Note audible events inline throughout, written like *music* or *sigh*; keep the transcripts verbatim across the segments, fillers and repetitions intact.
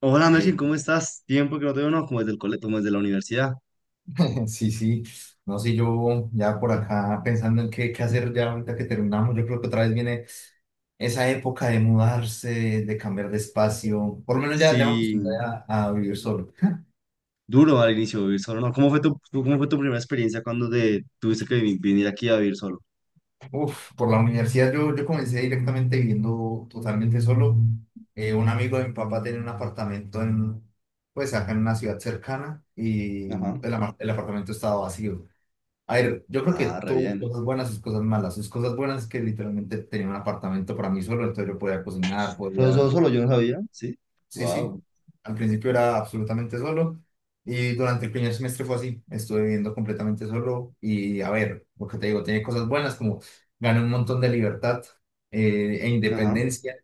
Hola Melkin, Ey, ¿cómo estás? Tiempo que no te veo, no, como desde el colegio, como desde la universidad. *laughs* Sí, sí, no sé, yo ya por acá pensando en qué, qué hacer ya ahorita que terminamos. Yo creo que otra vez viene esa época de mudarse, de cambiar de espacio. Por lo menos ya, ya me Sí, acostumbré a, a vivir solo. duro al inicio vivir solo, ¿no? ¿Cómo fue tu, tu- cómo fue tu primera experiencia cuando te tuviste que vi- venir aquí a vivir solo? Uf, por la universidad yo, yo comencé directamente viviendo totalmente solo. Eh, un amigo de mi papá tenía un apartamento en, pues acá en una ciudad cercana, y Ajá. el, ama- el apartamento estaba vacío. A ver, yo creo que Ah, re tuvo sus bien. cosas buenas, sus cosas malas. Sus cosas buenas es que literalmente tenía un apartamento para mí solo, entonces yo podía cocinar, ¿Pero solo, podía... solo yo no sabía? Sí. Sí, sí. Wow. Al principio era absolutamente solo, y durante el primer semestre fue así. Estuve viviendo completamente solo y a ver, porque te digo, tenía cosas buenas como gané un montón de libertad, eh, e Ajá. independencia,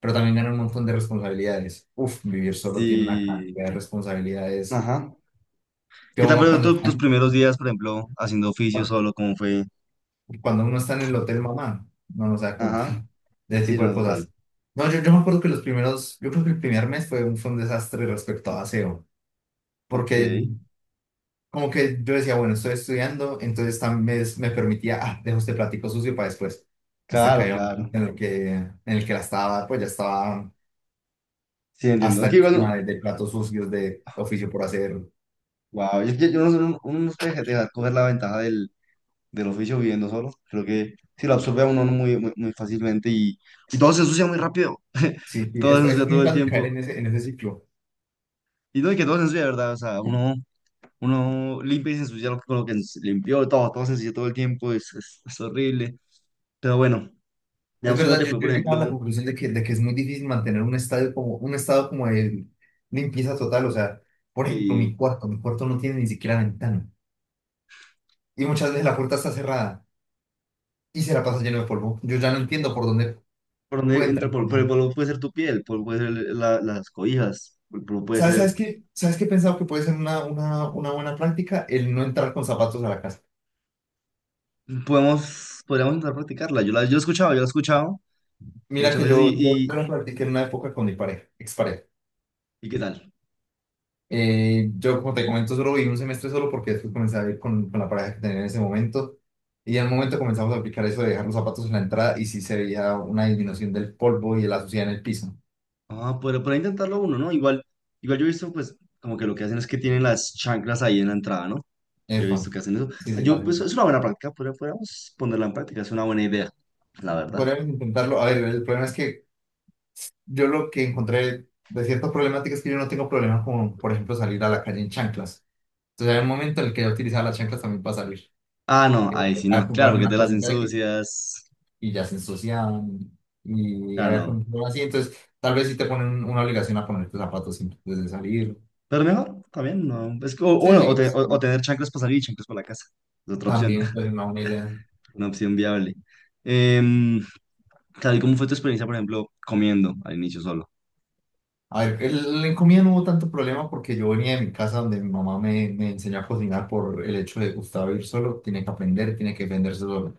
pero también gané un montón de responsabilidades. Uf, vivir solo tiene una Sí. cantidad de responsabilidades Ajá. que ¿Qué tal uno fueron cuando tu- está... tus primeros días, por ejemplo, haciendo oficio solo? ¿Cómo fue? cuando uno está en el hotel mamá, no nos da cuenta Ajá. *laughs* de ese Sí, tipo no, de total. cosas. No, yo, yo me acuerdo que los primeros, yo creo que el primer mes fue un, fue un desastre respecto a aseo, Ok. porque como que yo decía, bueno, estoy estudiando, entonces también me, me permitía, ah, dejo este platico sucio para después. Hasta que Claro, en claro. el que, en el que la estaba, pues ya estaba Sí, entiendo. hasta Es que igual, encima de, de platos sucios de oficio por hacer. wow, yo, yo, yo no sé, uno uno no puede dejar coger la ventaja del del oficio viviendo solo. Creo que sí lo absorbe a uno no muy, muy, muy fácilmente y, y todo se ensucia muy rápido. *laughs* Sí, sí, Todo se es, ensucia es todo muy el fácil caer tiempo. en ese, en ese ciclo. Y no, y que todo se ensucia, ¿de verdad? O sea, uno, uno limpia y se ensucia lo con lo que ens- limpió, todo, todo se ensucia todo el tiempo, es, es, es horrible. Pero bueno, Es digamos, ¿cómo verdad, te yo, fue, yo por he llegado a la ejemplo, conclusión de que, de que es muy difícil mantener un estadio como, un estado como de limpieza total. O sea, por ejemplo, mi si, cuarto, mi cuarto no tiene ni siquiera ventana. Y muchas veces la puerta está cerrada y se la pasa lleno de polvo. Yo ya no entiendo por dónde por puede dónde entra entrar el polvo? Pero el polvo. polvo puede ser tu piel, el polvo puede ser la- las cobijas, el polvo puede ¿Sabes, ser... sabes qué? ¿Sabes qué he pensado que puede ser una, una, una buena práctica? El no entrar con zapatos a la casa. Podemos, podríamos intentar practicarla. Yo la, yo la he escuchado, yo la he escuchado Mira muchas que veces yo, yo y, y, lo practiqué en una época con mi pareja, expareja. ¿y qué tal? Eh, yo, como te comento, solo viví un semestre solo porque después comencé a ir con, con la pareja que tenía en ese momento. Y al momento comenzamos a aplicar eso de dejar los zapatos en la entrada, y sí se veía una disminución del polvo y de la suciedad en el piso. Ah, pero para intentarlo uno, ¿no? Igual, igual yo he visto, pues, como que lo que hacen es que tienen las chanclas ahí en la entrada, ¿no? Yo he Epa. visto que hacen eso. Sí, sí, Yo, la- pues, es una buena práctica, pero podríamos ponerla en práctica, es una buena idea, la verdad. podríamos intentarlo. A ver, el problema es que yo lo que encontré de ciertas problemáticas es que yo no tengo problemas con, por ejemplo, salir a la calle en chanclas. Entonces, hay un momento en el que yo utilizaba las chanclas también para salir. Ah, no, Que ahí sí tocaba no, claro, comprar porque te una las cosita de que ensucias, y ya se ensuciaban, y claro, había no. control así. Entonces, tal vez sí te ponen una obligación a ponerte zapatos antes de salir. Pero mejor, también, no. Es que, o, o Sí, bueno, o, sí, te- o- o sí, tener chanclas para salir y chanclas para la casa, es otra opción, también *laughs* es una buena idea. una opción viable. Em, claro, ¿y cómo fue tu experiencia, por ejemplo, comiendo al inicio solo? A ver, el, en comida no hubo tanto problema porque yo venía de mi casa donde mi mamá me, me enseñó a cocinar, por el hecho de Gustavo ir solo, tiene que aprender, tiene que defenderse solo.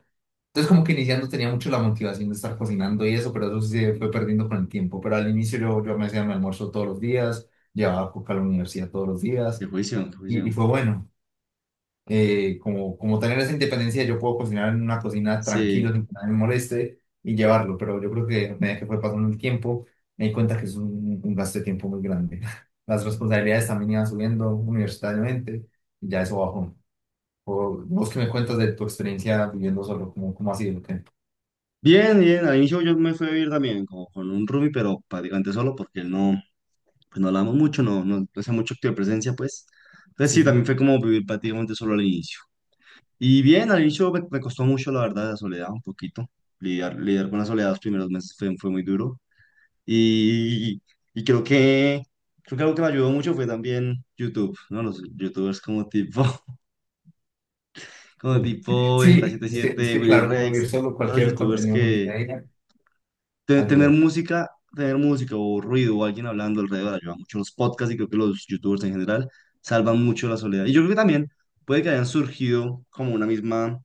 Entonces como que iniciando tenía mucho la motivación de estar cocinando y eso, pero eso sí se fue perdiendo con el tiempo. Pero al inicio yo, yo me hacía mi almuerzo todos los días, llevaba coca a la universidad todos los Qué días juicio, qué y, y juicio. fue bueno. eh, como, como tener esa independencia, yo puedo cocinar en una cocina tranquilo, Sí. sin que nadie me moleste y llevarlo, pero yo creo que a medida que fue pasando el tiempo, me di cuenta que es un, un gasto de tiempo muy grande. *laughs* Las responsabilidades también iban subiendo universitariamente y ya eso bajó. O, vos que me cuentas de tu experiencia viviendo solo, ¿cómo, cómo ha sido? ¿Qué? Bien, bien, al inicio yo me fui a vivir también como con un roomie, pero prácticamente solo porque él no, pues no hablamos mucho, no, no, no hacía mucho acto de presencia, pues. Entonces Sí, sí, sí. también fue como vivir prácticamente solo al inicio. Y bien, al inicio me, me costó mucho, la verdad, la soledad, un poquito. Lidiar, lidiar con la soledad los primeros meses fue, fue muy duro. Y, y creo que, creo que algo que me ayudó mucho fue también YouTube, ¿no? Los youtubers como tipo, *laughs* como Sí, *laughs* tipo vegeta setenta sí, y es que, es siete, que Willy claro, no vivir Rex, solo, todos los cualquier youtubers contenido que multimedia te- tener ayuda. música, tener música o ruido o alguien hablando alrededor ayuda mucho. Los podcasts y creo que los youtubers en general salvan mucho la soledad. Y yo creo que también puede que hayan surgido como una misma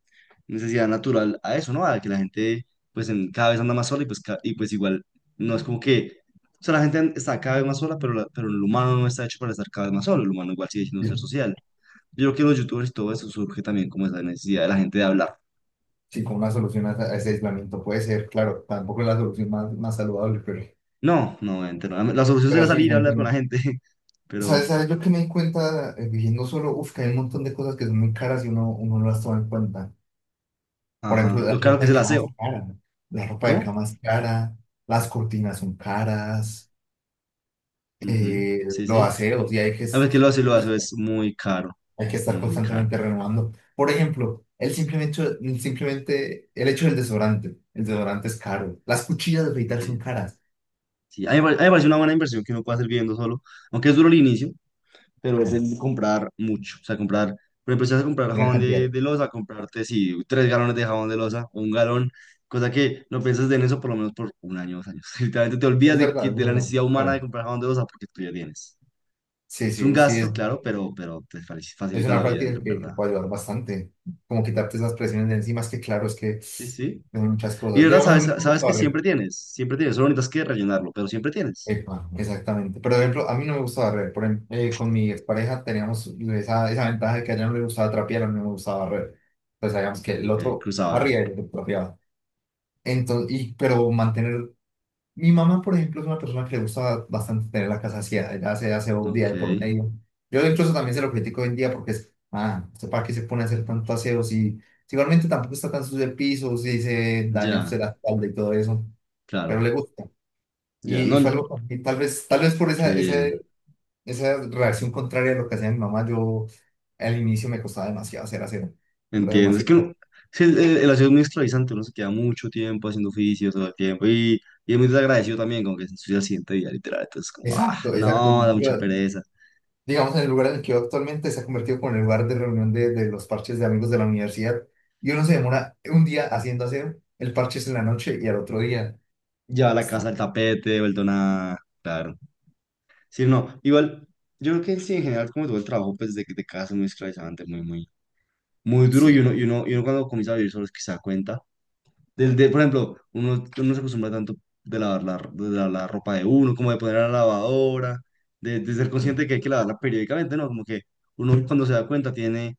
necesidad natural a eso, ¿no? A que la gente pues en, cada vez anda más sola y pues, ca- y pues igual no es como que... O sea, la gente está cada vez más sola, pero, la- pero el humano no está hecho para estar cada vez más solo. El humano igual sigue siendo un ser Sí, social. Yo creo que los youtubers y todo eso surge también como esa necesidad de la gente de hablar. sí, como una solución a, a ese aislamiento puede ser. Claro, tampoco es la solución más, más saludable, pero No, no, obviamente no. La solución sería Pero sí, salir a gente, hablar con la gente, *laughs* ¿sabes? pero... ¿Sabes? Yo que me di cuenta eh, viviendo solo, uf, que hay un montón de cosas que son muy caras y uno, uno no las toma en cuenta. Por Ajá. ejemplo, la Lo caro que ropa es de el cama es aseo. cara, ¿no? La ropa de ¿Cómo? cama es cara, las cortinas son caras, Ujú, eh, sí, los sí. aseos, y hay que, A es- ver que lo hace, lo hace, es muy caro, hay que estar muy, muy caro. constantemente renovando. Por ejemplo, el simplemente, el simplemente, el hecho del desodorante, el desodorante es caro, las cuchillas de afeitar son Sí, caras. sí. A mí, me pare- a mí me parece una buena inversión que uno puede hacer viviendo solo, aunque es duro el inicio, pero es Mira, el comprar mucho. O sea, comprar, por ejemplo, si vas a comprar gran jabón de, cantidad. de loza, comprarte, sí, tres galones de jabón de loza o un galón, cosa que no piensas en eso por lo menos por un año, dos años. *laughs* Literalmente te olvidas Es de, que- verdad, es de la verdad. necesidad humana de Bueno, comprar jabón de loza porque tú ya tienes. sí, Es un sí, sí, gasto, es... claro, pero, pero te fa- Es facilita una la vida, en práctica que, que verdad. puede ayudar bastante, como quitarte esas presiones de encima, es que claro, es que Sí, sí. hay muchas Y de cosas. verdad, Digamos, a sabes, mí no me sabes gusta que siempre barrer. tienes, siempre tienes, solo necesitas que rellenarlo, pero siempre tienes. Epa, exactamente. Pero, por ejemplo, a mí no me gusta barrer. Por ejemplo, eh, con mi expareja teníamos esa, esa ventaja de que a ella no le gustaba trapear, a mí no me gustaba barrer. Entonces, sabíamos que el Ok, otro cruzaban. barría y el otro trapeaba. Entonces, y, pero mantener... Mi mamá, por ejemplo, es una persona que le gusta bastante tener la casa vacía, ella hace aseo día Ok, de por medio. Yo incluso también se lo critico hoy en día porque es, ah, ¿usted para qué se pone a hacer tanto aseo si, si igualmente tampoco está tan sucio el piso, si se daña ya, usted la espalda y todo eso? Pero claro, le gusta. ya, Y, y no, fue algo, y tal vez, tal vez por qué esa, esa, bien, esa reacción contraria a lo que hacía mi mamá, yo al inicio me costaba demasiado hacer aseo, pero entiendo. Es que demasiado. uno- sí, el, el, el aseo es muy esclavizante, uno se queda mucho tiempo haciendo oficio todo el tiempo y, y es muy desagradecido también, como que se ensucia el siguiente día, literal. Entonces, como, ah, Exacto, exacto. no, da mucha Yo, pereza. digamos, en el lugar en el que yo actualmente se ha convertido como en el lugar de reunión de, de los parches de amigos de la universidad. Y uno se demora un día haciendo, hacer el parche es en la noche y al otro día Lleva la casa está, al tapete, vuelto nada, claro. Sí, no, igual, yo creo que sí, en general, como todo el trabajo, pues de, de casa es muy esclavizante, muy, muy. Muy duro y sí, uno, y uno, y uno cuando comienza a vivir solo es que se da cuenta. Del, de, por ejemplo, uno, uno se acostumbra tanto de lavar la, de lavar la ropa de uno, como de poner a la lavadora, de, de ser sí, consciente que hay que lavarla periódicamente, ¿no? Como que uno cuando se da cuenta tiene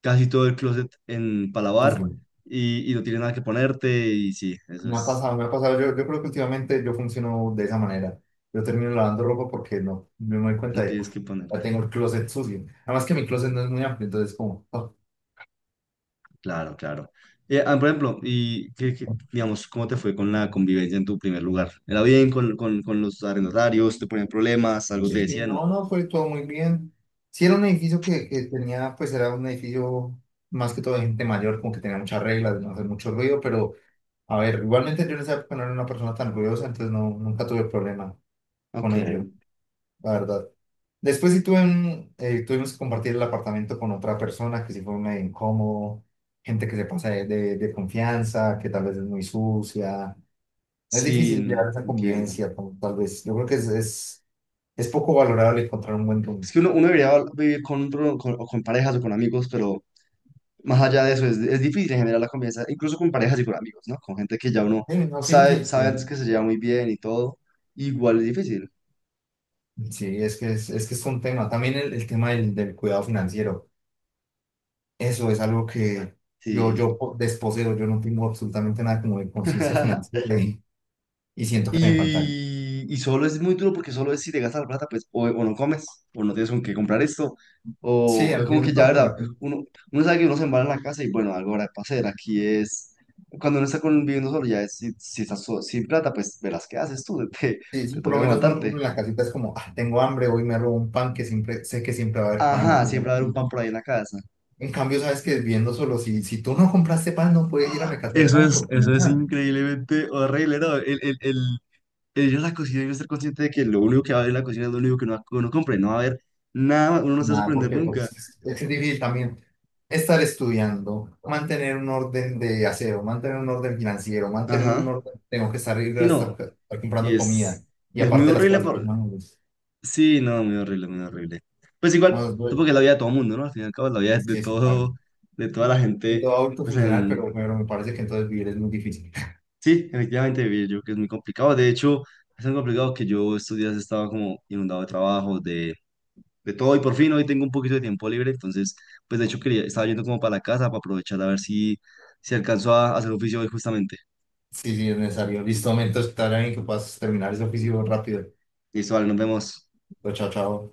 casi todo el closet en para pues, lavar bueno, y, y no tienes nada que ponerte y sí, eso me ha es, pasado, me ha pasado. Yo, yo creo que últimamente yo funciono de esa manera. Yo termino lavando ropa porque no, no me doy cuenta no de, tienes "Uf, que ya ponerte. tengo el closet sucio". Además que mi closet no es muy amplio, entonces como, oh. Claro, claro. Eh, ah, por ejemplo, y qué- qué, digamos, ¿cómo te fue con la convivencia en tu primer lugar? ¿Era bien con, con, con los arrendatarios? ¿Te ponían problemas? ¿Algo te Sí, sí, decían? No. no, no, fue todo muy bien. Sí, era un edificio que, que tenía, pues era un edificio más que todo de gente mayor, como que tenía muchas reglas de no hacer mucho ruido, pero a ver, igualmente yo en esa época no era una persona tan ruidosa, entonces no, nunca tuve problema con Ok, ello, la verdad. Después sí tuve un- eh, tuvimos que compartir el apartamento con otra persona que sí fue medio incómodo, gente que se pasa de, de- de confianza, que tal vez es muy sucia. Es difícil llevar sí, esa entiendo. convivencia, como tal vez. Yo creo que es, es, es poco valorable encontrar un buen rumbo. Es que uno, uno debería vivir con, pro- con, o con parejas o con amigos, pero más allá de eso es, es difícil en general la convivencia, incluso con parejas y con amigos, ¿no? Con gente que ya uno Sí, no, sí, sabe, sí, sabe que- antes que se lleva muy bien y todo, igual es difícil. sí, es que es, es que es un tema. También el, el tema del, del cuidado financiero. Eso es algo que yo, Sí. yo po- desposeo, yo no tengo absolutamente nada como de conciencia *laughs* financiera, y, y siento que me faltaría. Y, y solo es muy duro porque solo es si te gastas la plata, pues o, o no comes, o no tienes con qué comprar esto, Sí, o es al como que final ya, no, ¿verdad? como que... Uno, uno sabe que uno se embala en la casa y bueno, algo habrá que hacer. Aquí es, cuando uno está con, viviendo solo, ya es, si, si estás so- sin plata, pues verás qué haces tú, *laughs* te, Sí, te sí, por toca lo menos uno, uno aguantarte. en la casita es como, ah, tengo hambre, hoy me robo un pan, que siempre, sé que siempre va a haber pan. O Ajá, cosas siempre va a haber un así. pan por ahí en la casa. En cambio, sabes que viendo solo, si, si tú no compraste pan, no puedes ir a Ah, mercadear eso nada es, porque no hay eso es nada. increíblemente horrible, ¿no? El, el, el, el ir a la cocina y no ser consciente de que lo único que va a haber en la cocina es lo único que uno, uno compre, no va a haber nada, uno no se va a Nada, sorprender porque nunca. pues, es es difícil también estar estudiando, mantener un orden de aseo, mantener un orden financiero, mantener un Ajá. orden, tengo que salir Sí, a estar, no. estar Y comprando comida es, y y es muy aparte las horrible. cosas Por... personales. Sí, no, muy horrible, muy horrible. Pues No, igual, es duro. supongo que es la vida de todo el mundo, ¿no? Al fin y al cabo, es la vida de Sí, sí, claro. todo, de toda la Soy gente. todo adulto Pues funcional, en... pero, pero me parece que entonces vivir es muy difícil. *laughs* sí, efectivamente, vivir yo creo que es muy complicado. De hecho, es tan complicado que yo estos días estaba como inundado de trabajo, de, de todo. Y por fin hoy tengo un poquito de tiempo libre. Entonces, pues de hecho, quería, estaba yendo como para la casa para aprovechar a ver si, si alcanzo a hacer oficio hoy justamente. Sí, sí, es necesario. Listo, momento, estar ahí que puedas terminar ese oficio rápido. Listo, vale, nos vemos. Chao, chao.